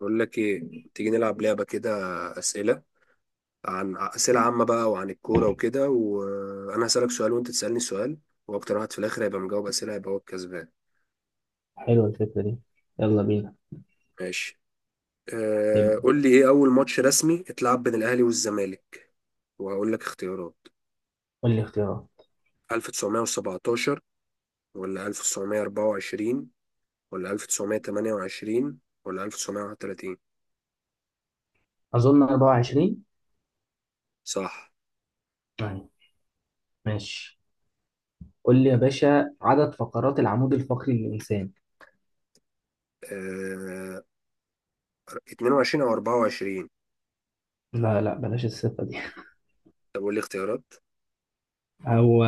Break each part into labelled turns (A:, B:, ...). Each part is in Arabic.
A: بقول لك ايه، تيجي نلعب لعبة كده؟ أسئلة عن أسئلة عامة بقى وعن الكورة وكده، وأنا هسألك سؤال وأنت تسألني سؤال، وأكتر واحد في الآخر هيبقى مجاوب أسئلة هيبقى هو الكسبان.
B: حلوة الفكرة دي. يلا بينا.
A: ماشي.
B: ابدأ.
A: قول لي إيه أول ماتش رسمي اتلعب بين الأهلي والزمالك؟ وهقول لك اختيارات:
B: قول لي اختيارات.
A: 1917 ولا 1924 ولا 1928 ولا 1931؟
B: أظن 24.
A: صح.
B: أيوة، ماشي. قول لي يا باشا، عدد فقرات العمود الفقري للإنسان.
A: أه 22 أو 24.
B: لا لا، بلاش الصفة دي.
A: طب قول لي اختيارات.
B: هو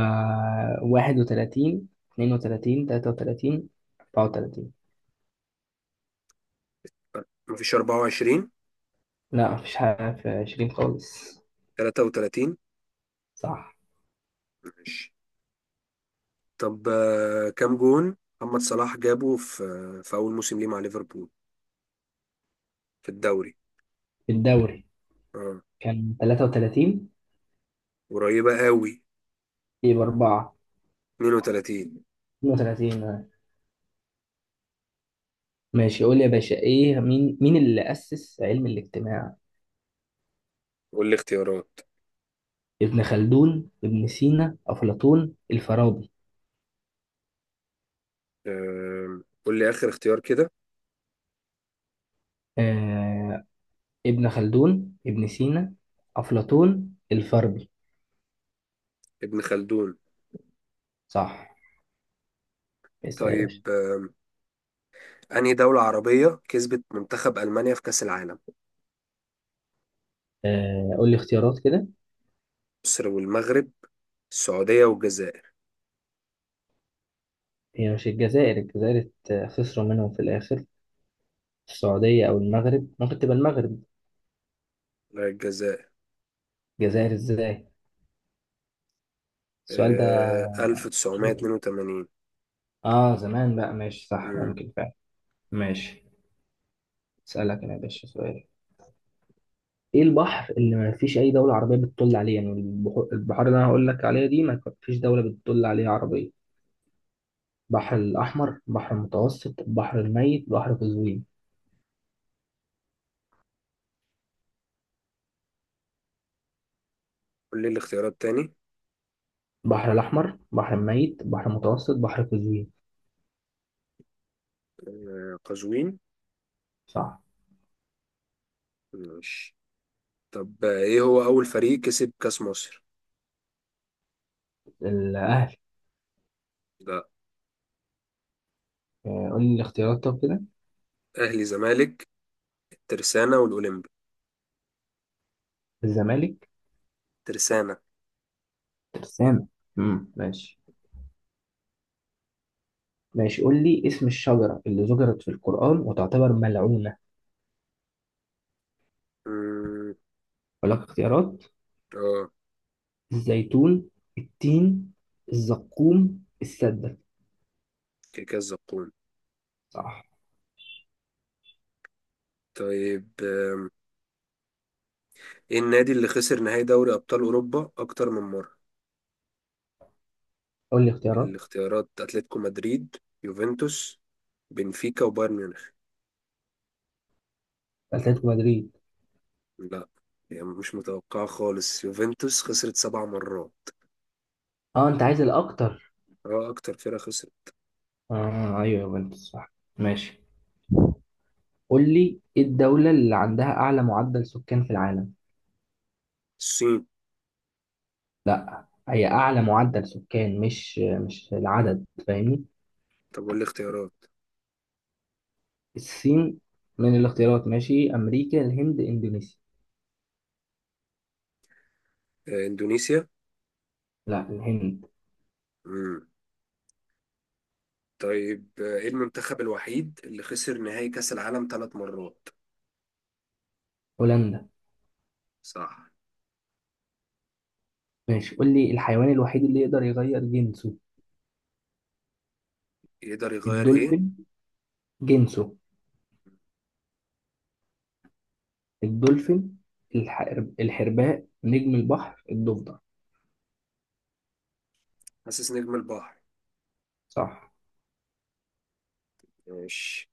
B: 31، 32، 33، 34؟
A: مفيش 24.
B: لا، مفيش حاجة في 20 خالص.
A: 33.
B: صح.
A: ماشي. طب كام جون محمد صلاح جابه في في أول موسم ليه مع ليفربول في الدوري؟
B: الدوري.
A: اه.
B: كان 33.
A: قريبة قوي.
B: يبقى 4.
A: 32.
B: 32. ماشي، قول لي يا باشا ايه مين اللي أسس علم الاجتماع؟
A: قول لي اختيارات.
B: ابن خلدون، ابن سينا، أفلاطون، الفارابي.
A: قول لي آخر اختيار كده.
B: آه ابن خلدون، ابن سينا، أفلاطون، الفارابي.
A: ابن خلدون.
B: صح. اسأل يا باشا.
A: طيب أنهي دولة عربية كسبت منتخب ألمانيا في كأس العالم؟
B: قول لي اختيارات كده.
A: مصر والمغرب، السعودية والجزائر.
B: هي مش الجزائر الجزائر خسروا منهم في الآخر؟ السعودية أو المغرب، ممكن تبقى المغرب.
A: لا، الجزائر.
B: الجزائر ازاي السؤال ده؟
A: 1982.
B: اه زمان بقى، ماشي، صح،
A: مم.
B: ممكن فعلا. ماشي. اسألك انا يا باشا سؤال. ايه البحر اللي ما فيش اي دوله عربيه بتطل عليه؟ يعني البحار اللي انا هقول لك عليها دي ما فيش دوله بتطل عليها عربيه. البحر الاحمر، بحر المتوسط، بحر الميت، بحر قزوين.
A: قول لي الاختيارات تاني.
B: البحر الاحمر، بحر الميت، بحر المتوسط، بحر قزوين.
A: قزوين.
B: صح.
A: ماشي. طب ايه هو اول فريق كسب كاس مصر؟
B: الاهلي.
A: ده.
B: آه، قول لي الاختيارات طب كده.
A: اهلي، زمالك، الترسانة والاولمبي.
B: الزمالك.
A: ترسانة.
B: ترسانة. امم، ماشي. ماشي، قول لي اسم الشجره اللي ذكرت في القران وتعتبر ملعونه.
A: مم،
B: اقول لك اختيارات.
A: اه.
B: الزيتون، التين، الزقوم، السدة.
A: كاس زقوم.
B: صح.
A: طيب ايه النادي اللي خسر نهائي دوري ابطال اوروبا اكتر من مرة؟
B: قول لي اختيارات.
A: الاختيارات: اتلتيكو مدريد، يوفنتوس، بنفيكا وبايرن ميونخ.
B: اتلتيكو مدريد.
A: لا، يعني مش متوقعة خالص، يوفنتوس خسرت سبع مرات.
B: اه انت عايز الاكتر.
A: اه، اكتر فرقة خسرت.
B: اه ايوه، يوفنتوس. صح. ماشي، قول لي ايه الدولة اللي عندها اعلى معدل سكان في العالم.
A: الصين.
B: لا، هي اعلى معدل سكان، مش العدد، فاهمني؟
A: طب والاختيارات؟
B: الصين. من الاختيارات، ماشي، امريكا، الهند، اندونيسيا.
A: اندونيسيا.
B: لا، الهند.
A: طيب ايه المنتخب الوحيد اللي خسر نهائي كأس العالم ثلاث مرات؟
B: هولندا.
A: صح.
B: ماشي، قول لي الحيوان الوحيد اللي يقدر يغير جنسه.
A: يقدر يغير ايه؟
B: الدولفين. جنسه. الدولفين. الح... الحرباء، نجم البحر، الضفدع.
A: حاسس نجم البحر.
B: صح.
A: ماشي.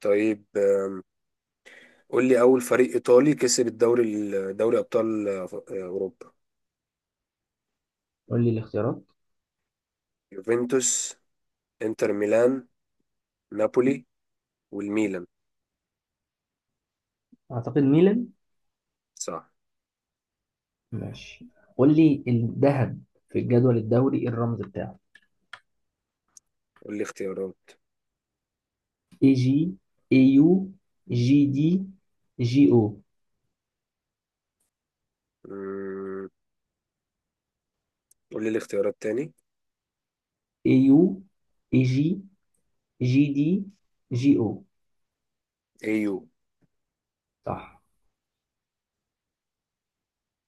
A: طيب قول لي اول فريق ايطالي كسب الدوري دوري ابطال اوروبا.
B: قول لي الاختيارات.
A: يوفنتوس، انتر ميلان، نابولي والميلان.
B: اعتقد ميلان.
A: صح.
B: ماشي، قول لي الذهب في الجدول الدوري إيه الرمز بتاعه؟
A: قول لي اختيارات.
B: اي جي، اي يو، جي دي، جي او.
A: مم، قول لي الاختيارات تاني.
B: اي يو، اي جي، جي دي، جي او.
A: ايو.
B: صح.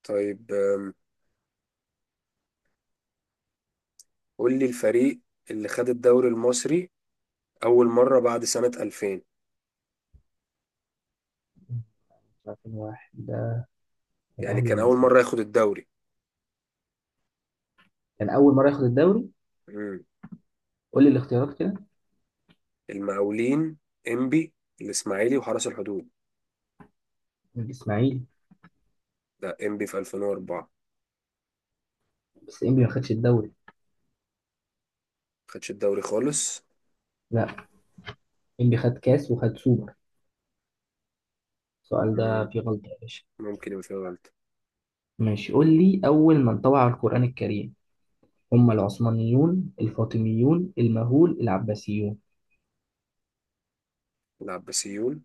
A: طيب قول لي الفريق اللي خد الدوري المصري اول مرة بعد سنة 2000.
B: 2001 ده.
A: يعني
B: الاهلي يا
A: كان أول
B: الاسماعيلي.
A: مرة ياخد الدوري.
B: كان اول مره ياخد الدوري.
A: مم.
B: قول لي الاختيارات كده.
A: المقاولين، إنبي، الإسماعيلي وحرس الحدود.
B: الاسماعيلي.
A: ده إنبي في 2004.
B: بس انبي ما خدش الدوري.
A: خدش الدوري خالص.
B: لا، انبي خد كاس وخد سوبر. السؤال
A: مم.
B: ده فيه غلطه يا باشا.
A: ممكن يبقى فيه غلطة.
B: ماشي، قول لي اول من طبع القرآن الكريم. هم العثمانيون، الفاطميون، المغول، العباسيون.
A: لعب بسيول.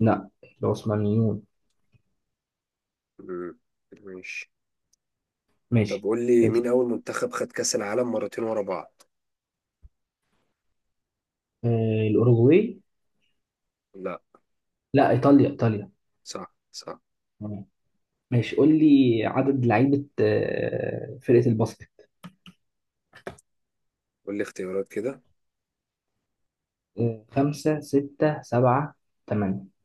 B: لا، العثمانيون.
A: مم. ماشي. طب
B: ماشي.
A: قول لي مين
B: ماشي.
A: أول منتخب خد كأس العالم مرتين ورا بعض؟
B: الأوروغواي.
A: لا.
B: لا، إيطاليا إيطاليا.
A: صح صح.
B: تمام. ماشي، قول لي عدد لعيبة فرقة الباسكت.
A: قول لي اختيارات كده.
B: خمسة، ستة، سبعة، تمانية.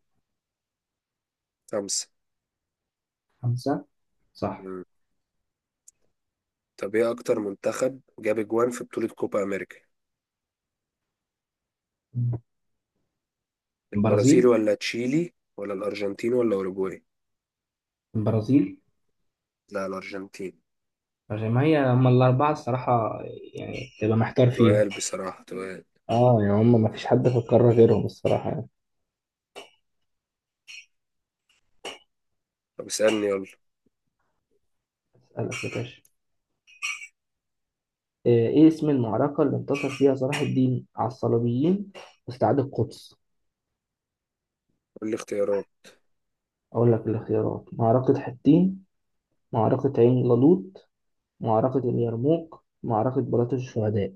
A: خمسة.
B: خمسة. صح.
A: مم. طب إيه أكتر منتخب جاب أجوان في بطولة كوبا أمريكا؟ البرازيل
B: البرازيل.
A: ولا تشيلي ولا الأرجنتين ولا أوروجواي؟
B: البرازيل.
A: لا الأرجنتين.
B: عشان ما هي هم الأربعة الصراحة، يعني تبقى محتار فيهم.
A: تقال بصراحة تقال.
B: اه يعني هم ما فيش حد في القارة غيرهم الصراحة يعني.
A: طب اسألني يلا.
B: أسألك يا باشا. ايه اسم المعركة اللي انتصر فيها صلاح الدين على الصليبيين واستعاد القدس؟
A: قول لي اختيارات.
B: اقول لك الاختيارات. معركة حطين، معركة عين جالوت، معركة اليرموك، معركة بلاط الشهداء.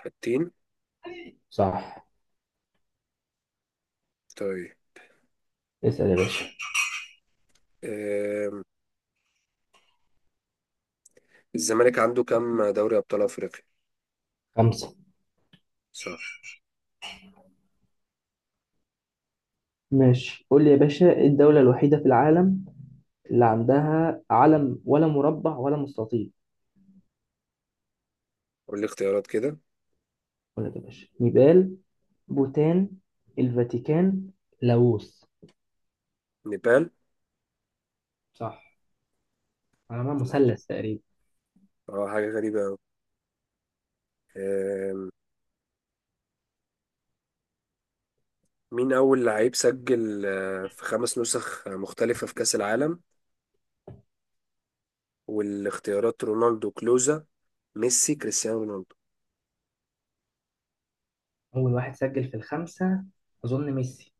A: حاجتين.
B: صح.
A: طيب
B: اسأل يا باشا.
A: آم، الزمالك عنده كام دوري أبطال أفريقيا؟
B: خمسة.
A: صح.
B: ماشي، قول لي يا باشا ايه الدولة الوحيدة في العالم اللي عندها علم ولا مربع ولا مستطيل؟
A: قول لي اختيارات كده.
B: اقول لك يا باشا، نيبال، بوتان، الفاتيكان، لاوس.
A: نيبال.
B: صح. على ما
A: ماشي.
B: مثلث تقريبا.
A: اه حاجة غريبة أوي. آم، مين أول لعيب سجل في خمس نسخ مختلفة في كأس العالم؟ والاختيارات: رونالدو، كلوزا، ميسي، كريستيانو رونالدو.
B: أول واحد سجل في الخمسة. أظن ميسي.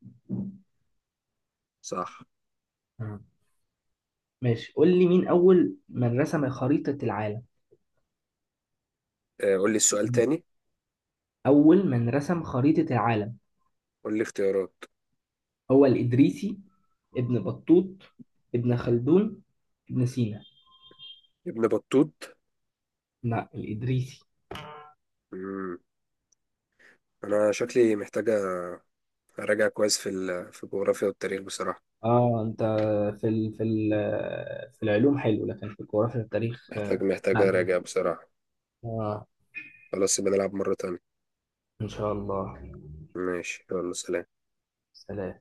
A: صح.
B: آه. ماشي، قول لي مين أول من رسم خريطة العالم.
A: قول لي السؤال تاني.
B: أول من رسم خريطة العالم.
A: قول لي اختيارات.
B: هو الإدريسي، ابن بطوط، ابن خلدون، ابن سينا.
A: ابن بطوط.
B: لا، الإدريسي.
A: مم. أنا شكلي محتاجة أراجع كويس في في الجغرافيا والتاريخ بصراحة.
B: اه انت، في ال في ال في العلوم حلو، لكن في الجغرافيا والتاريخ
A: محتاج
B: لا. لا.
A: أراجع بصراحة.
B: اه،
A: خلاص يبقى نلعب مرة تانية.
B: ان شاء الله.
A: ماشي يلا سلام.
B: سلام.